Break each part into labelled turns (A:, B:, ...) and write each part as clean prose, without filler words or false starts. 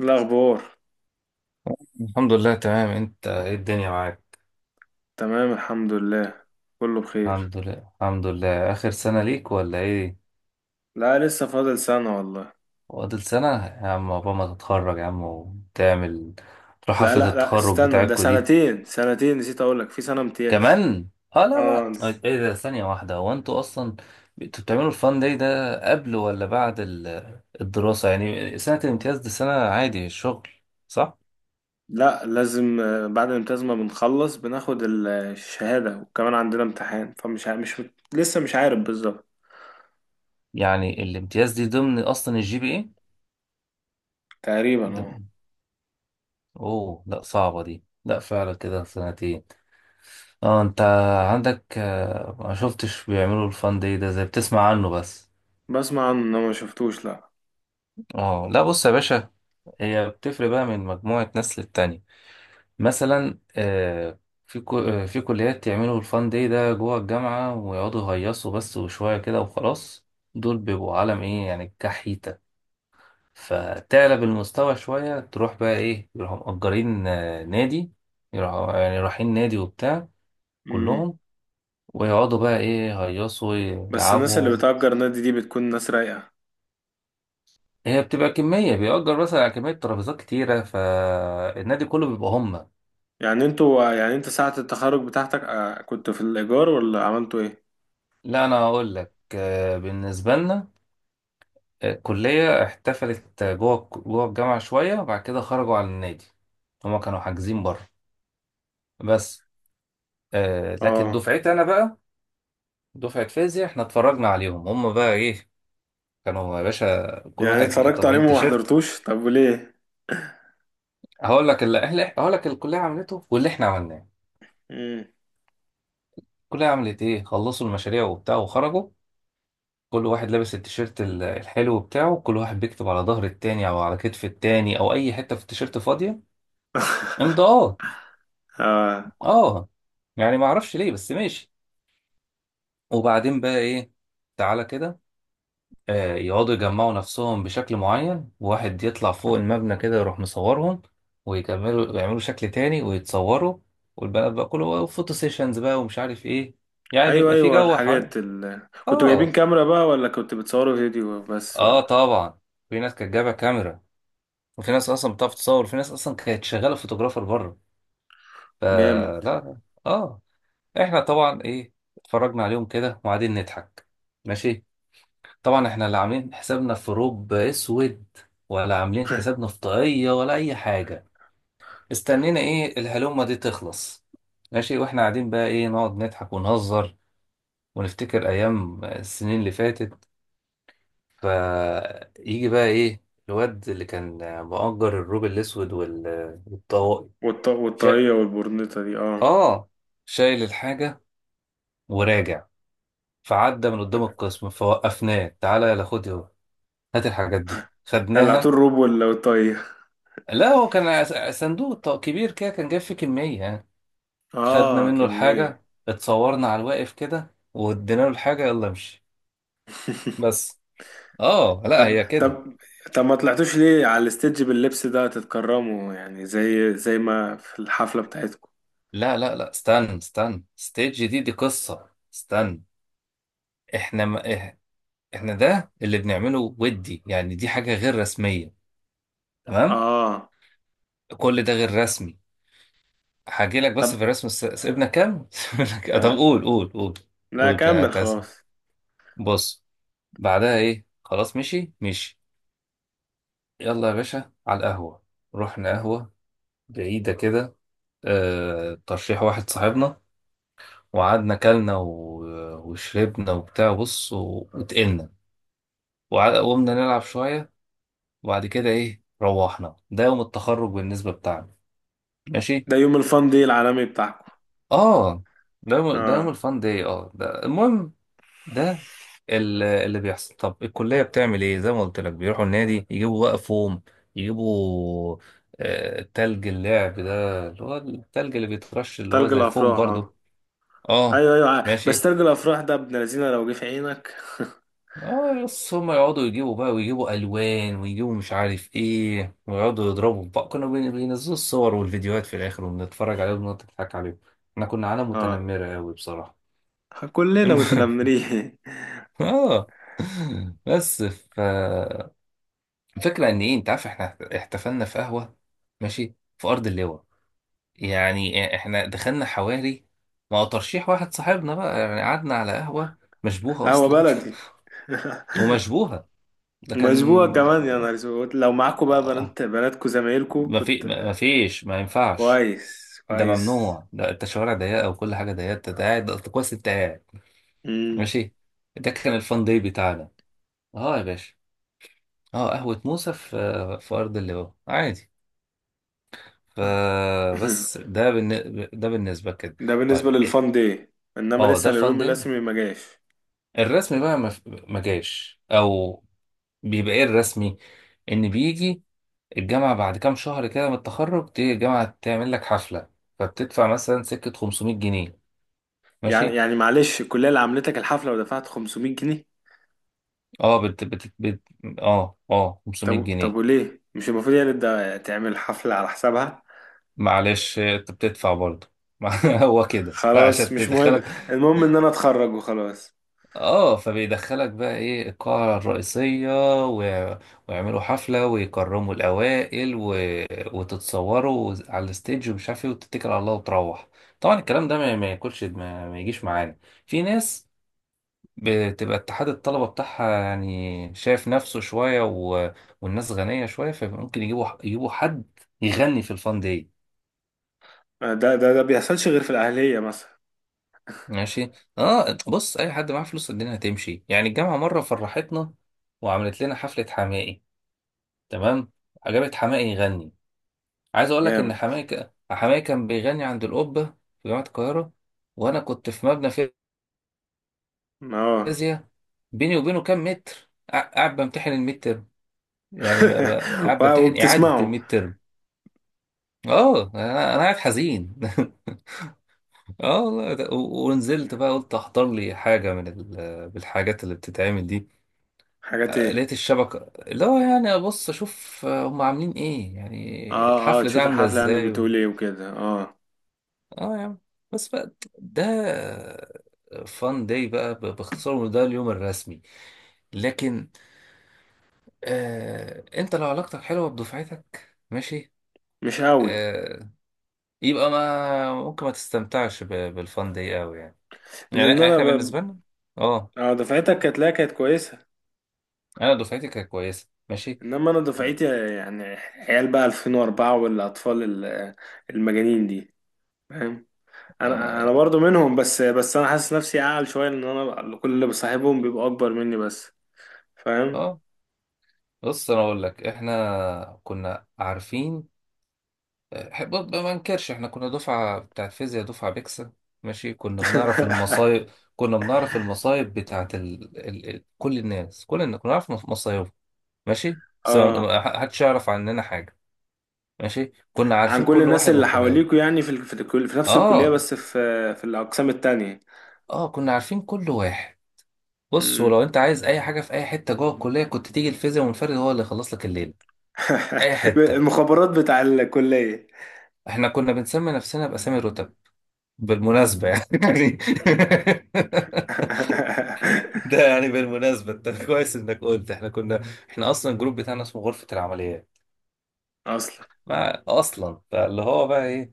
A: الأخبار.
B: الحمد لله، تمام. انت ايه الدنيا معاك؟
A: تمام الحمد لله، كله بخير.
B: الحمد لله الحمد لله. اخر سنة ليك ولا ايه؟
A: لا لسه فاضل سنة والله.
B: فاضل سنة يا عم، عقبال ما تتخرج يا عم وتعمل تروح
A: لا
B: حفلة
A: لا لا
B: التخرج
A: استنى، ده
B: بتاعتكوا دي
A: سنتين نسيت أقولك، في سنة امتياز.
B: كمان. اه لا ما
A: اه نس-
B: ايه ده؟ ثانية واحدة، هو انتوا اصلا انتوا بتعملوا الفان داي ده قبل ولا بعد الدراسة؟ يعني سنة الامتياز دي سنة عادي الشغل، صح؟
A: لا لازم، بعد الامتياز ما بنخلص بناخد الشهادة، وكمان عندنا امتحان، مش لسه مش عارف بالظبط.
B: يعني الامتياز دي ضمن اصلا الجي بي ايه؟
A: تقريبا اه.
B: ضمن- اوه لا، صعبة دي، لا فعلا كده سنتين. اه انت عندك ما شفتش بيعملوا الفان داي ده، زي بتسمع عنه بس.
A: بسمع عنه، إنه ما شفتوش لا.
B: اه لا، بص يا باشا، هي بتفرق بقى من مجموعة ناس للتانية. مثلا في في كليات يعملوا الفان داي ده جوه الجامعة ويقعدوا يهيصوا بس وشوية كده وخلاص. دول بيبقوا عالم ايه يعني، كحيتة. فتعلى بالمستوى شوية تروح بقى ايه، يروحوا مأجرين نادي، يروحوا يعني رايحين نادي وبتاع
A: مم.
B: كلهم، ويقعدوا بقى ايه يهيصوا
A: بس الناس اللي
B: يلعبوا.
A: بتأجر نادي دي بتكون ناس رايقة.
B: هي بتبقى كمية، بيأجر مثلا على كمية ترابيزات كتيرة، فالنادي كله بيبقى هم.
A: يعني انتوا، يعني انت ساعة التخرج بتاعتك كنت في الإيجار ولا عملتوا ايه؟
B: لا، أنا هقول لك بالنسبة لنا الكلية احتفلت جوه جوه الجامعة شوية وبعد كده خرجوا على النادي. هما كانوا حاجزين بره بس. لكن
A: اه
B: دفعتي أنا بقى، دفعة فيزياء، احنا اتفرجنا عليهم هما بقى إيه. كانوا يا باشا كل
A: يعني
B: واحد
A: اتفرجت
B: طابعين
A: عليهم وما
B: تيشيرت.
A: حضرتوش؟ طب وليه؟
B: هقول لك اللي هقول لك، الكلية عملته واللي احنا عملناه.
A: امم.
B: الكلية عملت إيه؟ خلصوا المشاريع وبتاع وخرجوا، كل واحد لابس التيشيرت الحلو بتاعه، كل واحد بيكتب على ظهر التاني او على كتف التاني او اي حته في التيشيرت فاضيه، امضاءات.
A: اه
B: اه يعني ما اعرفش ليه بس ماشي. وبعدين بقى ايه، تعالى كده، آه يقعدوا يجمعوا نفسهم بشكل معين، واحد يطلع فوق المبنى كده يروح مصورهم، ويكملوا يعملوا شكل تاني ويتصوروا. والبنات بقى كله فوتو سيشنز بقى ومش عارف ايه. يعني
A: ايوه
B: بيبقى في
A: ايوه،
B: جو حوالي.
A: الحاجات كنتوا جايبين
B: اه
A: كاميرا بقى، ولا كنتوا بتصوروا فيديو بس،
B: اه
A: ولا؟
B: طبعا، في ناس كانت جايبه كاميرا، وفي ناس اصلا بتعرف تصور، وفي ناس اصلا كانت شغاله فوتوغرافر بره.
A: جامد.
B: فلا لا. اه، احنا طبعا ايه اتفرجنا عليهم كده وقاعدين نضحك. ماشي. طبعا احنا لا عاملين حسابنا في روب اسود ولا عاملين حسابنا في طاقيه ولا اي حاجه. استنينا ايه الهلومه دي تخلص، ماشي، واحنا قاعدين بقى ايه نقعد نضحك ونهزر ونفتكر ايام السنين اللي فاتت. فيجي بقى ايه، الواد اللي كان مؤجر الروب الاسود والطواقي،
A: والطاقية والبرنيطة دي اه.
B: اه، شايل الحاجة وراجع. فعدى من قدام القسم فوقفناه، تعالى يلا خد اهو، هات الحاجات دي.
A: قلعتوا
B: خدناها.
A: الروب ولا والطاقية؟
B: لا، هو كان صندوق كبير كده، كان جاب فيه كمية يعني. خدنا
A: اه
B: منه
A: كمية.
B: الحاجة، اتصورنا على الواقف كده وادينا له الحاجة، يلا امشي. بس. اه لا
A: طب
B: هي كده.
A: طب. طب ما طلعتوش ليه على الاستيدج باللبس ده تتكرموا، يعني زي ما في الحفلة بتاعتكم.
B: لا لا لا، استنى استنى، ستيج دي دي قصة، استنى. احنا ما إح- احنا ده اللي بنعمله، ودي يعني دي حاجة غير رسمية، تمام؟
A: اه.
B: كل ده غير رسمي. هاجي لك بس
A: طب.
B: في الرسم سيبنا كام؟ سيبنا كام؟ طب
A: طيب.
B: قول قول قول.
A: لا
B: قول
A: كمل
B: كتاسم.
A: خلاص.
B: بص، بعدها ايه؟ خلاص، مشي مشي. يلا يا باشا على القهوة. رحنا قهوة بعيدة كده، آه ترشيح واحد صاحبنا، وقعدنا كلنا وشربنا وبتاع بص وتقلنا وقمنا نلعب شوية. وبعد كده ايه؟ روحنا. ده يوم التخرج بالنسبة بتاعنا، ماشي؟
A: ده يوم الفن دي العالمي بتاعكم.
B: اه، ده يوم ده يوم
A: اه.
B: الفان داي، اه ده المهم. ده اللي بيحصل. طب الكلية بتعمل ايه؟ زي ما قلت لك، بيروحوا النادي، يجيبوا بقى فوم، يجيبوا تلج اللعب ده اللي هو التلج اللي بيترش اللي هو
A: تلج
B: زي الفوم
A: الافراح اه.
B: برضو. اه
A: ايوه ايوه، بس
B: ماشي.
A: ترجو الافراح ده ابن لذينه لو جه في عينك.
B: اه، بس هم يقعدوا يجيبوا بقى ويجيبوا الوان ويجيبوا مش عارف ايه ويقعدوا يضربوا في بعض، كانوا بينزلوا الصور والفيديوهات في الاخر، وبنتفرج عليهم ونضحك عليهم. احنا كنا عالم
A: اه
B: متنمرة قوي بصراحة.
A: كلنا
B: المهم،
A: متنمرين.
B: اه بس ف، الفكرة ان ايه، انت عارف احنا احتفلنا في قهوة، ماشي، في ارض اللواء. يعني احنا دخلنا حواري، ما هو ترشيح واحد صاحبنا بقى، يعني قعدنا على قهوة مشبوهة
A: قهوه
B: اصلا.
A: بلدي.
B: ومشبوهة. ده كان.
A: مشبوهة كمان يا نهار اسود، لو معاكوا بقى
B: آه،
A: بنات، بناتكوا، زمايلكوا
B: ما في
A: كنت.
B: ما فيش ما ينفعش،
A: كويس
B: ده
A: كويس.
B: ممنوع، ده انت شوارع ضيقة وكل حاجة ضيقة، انت قاعد، أنت كويس، انت قاعد.
A: مم.
B: ماشي. ده كان الفان داي بتاعنا، اه يا باشا. اه قهوة موسى في في ارض اللواء، عادي. فبس ده بالن... ده بالنسبة كده.
A: ده بالنسبة
B: طيب إيه؟
A: للفان دي، انما
B: اه ده
A: لسه
B: الفان
A: اليوم الرسمي ما جاش.
B: الرسمي بقى ما... ما جاش او بيبقى ايه الرسمي، ان بيجي الجامعة بعد كام شهر كده من التخرج، تيجي الجامعة تعمل لك حفلة، فبتدفع مثلا سكة 500 جنيه،
A: يعني
B: ماشي.
A: معلش، الكلية اللي عملتك الحفلة ودفعت 500 جنيه؟
B: اه اه اه 500
A: طب طب
B: جنيه
A: وليه مش المفروض يعني ده تعمل حفلة على حسابها؟
B: معلش انت بتدفع برضه. هو كده
A: خلاص
B: عشان
A: مش مهم،
B: تدخلك.
A: المهم ان انا اتخرج وخلاص.
B: اه، فبيدخلك بقى ايه القاعة الرئيسية و... ويعملوا حفلة ويكرموا الأوائل و... وتتصوروا على الستيج ومش عارف ايه وتتكل على الله وتروح. طبعا الكلام ده ما ياكلش ما... ما يجيش معانا. في ناس بتبقى اتحاد الطلبة بتاعها يعني شايف نفسه شوية و... والناس غنية شوية، فممكن يجيبوا حد يغني في الفان داي.
A: ده بيحصلش غير في الاهليه مثلا.
B: ماشي. اه بص، اي حد معاه فلوس الدنيا هتمشي. يعني الجامعة مرة فرحتنا وعملت لنا حفلة حماقي، تمام، جابت حماقي يغني. عايز اقول لك ان
A: جامد
B: حماقي حماقي كان بيغني عند القبه في جامعه القاهره، وانا كنت في مبنى
A: اه.
B: فيزياء، بيني وبينه كام متر، قاعد بمتحن الميد ترم، يعني قاعد بمتحن اعاده
A: وبتسمعوا؟
B: الميد ترم. اه، انا أنا قاعد حزين. اه والله، ونزلت بقى قلت احضر لي حاجه من بالحاجات اللي بتتعمل دي.
A: حاجات ايه؟
B: لقيت الشبكه اللي هو يعني ابص اشوف هم عاملين ايه، يعني
A: اه اه،
B: الحفله دي
A: تشوف
B: عامله
A: الحفله يعني
B: ازاي.
A: بتقول ايه وكده اه.
B: اه يا عم. بس بقى، ده فان داي بقى باختصار، وده اليوم الرسمي. لكن انت لو علاقتك حلوه بدفعتك ماشي،
A: مش قوي.
B: آه يبقى ما ممكن ما تستمتعش ب-، بالفان داي قوي يعني.
A: لان
B: يعني
A: انا
B: احنا
A: ب...
B: بالنسبه لنا. اه،
A: اه، دفعتك كانت، لا كانت كويسه.
B: انا دفعتي كانت كويسه ماشي.
A: انما انا دفعتي، يعني عيال بقى 2004 والاطفال المجانين دي، فاهم؟ انا
B: اه.
A: برضو منهم، بس انا حاسس نفسي اعقل شويه، ان انا كل اللي بصاحبهم بيبقوا اكبر مني بس. فاهم.
B: آه. بص انا اقول لك، احنا كنا عارفين برضه، ما انكرش، احنا كنا دفعة بتاع فيزياء، دفعة بيكسل، ماشي. كنا بنعرف المصايب. كنا بنعرف المصايب بتاعت ال... ال... ال... كل الناس، كل الناس كنا نعرف مصايبهم. ماشي، بس
A: اه.
B: ما حدش يعرف عننا حاجة. ماشي، كنا
A: عن
B: عارفين
A: كل
B: كل
A: الناس
B: واحد
A: اللي
B: وخباله.
A: حواليكوا، يعني في في نفس الكلية،
B: اه
A: بس في في الأقسام التانية.
B: اه، كنا عارفين كل واحد. بص
A: مم.
B: ولو انت عايز اي حاجة في اي حتة جوه الكلية كنت تيجي الفيزياء منفرد هو اللي يخلص لك الليل. اي حتة.
A: المخابرات بتاع الكلية.
B: احنا كنا بنسمي نفسنا باسامي الرتب بالمناسبة يعني.
A: مم.
B: ده يعني بالمناسبة انت كويس انك قلت احنا كنا. احنا اصلا الجروب بتاعنا اسمه غرفة العمليات.
A: أصلا.
B: ما اصلا فاللي هو بقى ايه،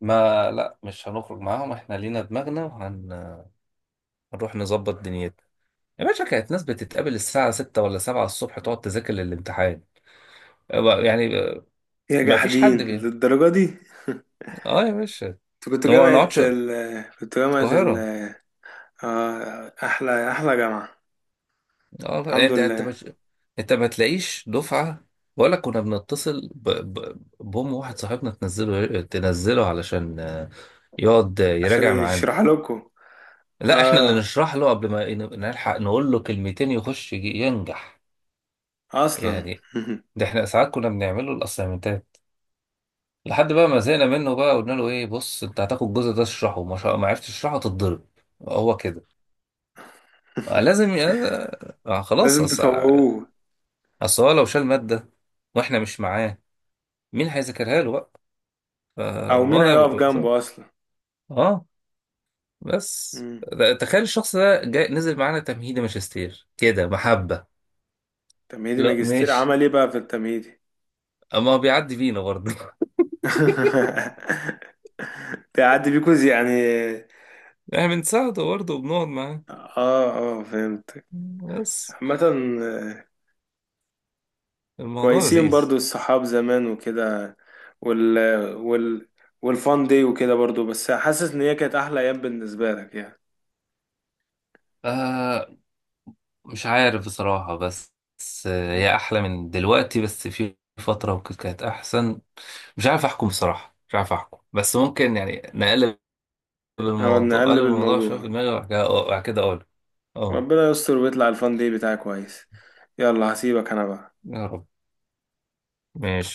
B: ما لا مش هنخرج معاهم، احنا لينا دماغنا وهنروح نظبط دنيتنا. يا باشا كانت ناس بتتقابل الساعة 6 ولا 7 الصبح، تقعد تذاكر للامتحان، يعني
A: يا
B: ما فيش حد
A: جحدين
B: بيه.
A: للدرجة دي.
B: اه يا باشا.
A: انت كنت
B: هو ما
A: جامعة
B: نقعدش.
A: ال... كنت جامعة ال...
B: القاهرة.
A: آه أحلى جامعة.
B: اه لا،
A: الحمد
B: انت انت
A: لله.
B: مش، انت ما تلاقيش دفعه. ولا كنا بنتصل بام واحد صاحبنا تنزله تنزله علشان يقعد
A: عشان
B: يراجع معانا.
A: يشرح لكم.
B: لا، احنا اللي
A: آه
B: نشرح له، قبل ما نلحق نقول له كلمتين يخش ينجح
A: أصلا.
B: يعني. ده احنا ساعات كنا بنعمل له الاسايمنتات، لحد بقى ما زهقنا منه بقى، قلنا له ايه، بص انت هتاخد الجزء ده تشرحه، ما عرفتش تشرحه تتضرب. هو كده. آه، لازم ي- خلاص
A: لازم
B: اصل.
A: تفوقوه.
B: أصل هو لو شال ماده واحنا مش معاه، مين هيذاكرها له بقى،
A: أو مين
B: فالوضع
A: هيقف
B: بيبقى صعب.
A: جنبه أصلا؟
B: اه بس. تخيل الشخص ده جاي نزل معانا تمهيدي ماجستير كده محبة.
A: تمهيدي
B: لا
A: ماجستير
B: ماشي،
A: عمل ايه بقى في التمهيدي؟
B: اما هو بيعدي بينا برضه.
A: تعدي بيكوز يعني.
B: يعني بنساعده برضه وبنقعد معاه،
A: اه اه فهمت.
B: بس
A: عامة، آه،
B: الموضوع
A: كويسين
B: لذيذ.
A: برضو الصحاب زمان وكده، وال وال والفان دي وكده برضو، بس حاسس ان هي كانت احلى ايام بالنسبة لك يعني.
B: آه مش عارف بصراحة، بس بس هي أحلى من دلوقتي، بس في فترة وكده كانت أحسن. مش عارف أحكم بصراحة، مش عارف أحكم، بس ممكن يعني نقلب
A: او
B: الموضوع، أقلب
A: نقلب
B: الموضوع شوية في
A: الموضوع.
B: دماغي وبعد كده وبعد كده أقول. اه
A: ربنا يستر ويطلع الفان دي بتاعك كويس. يلا هسيبك انا بقى.
B: يا رب، ماشي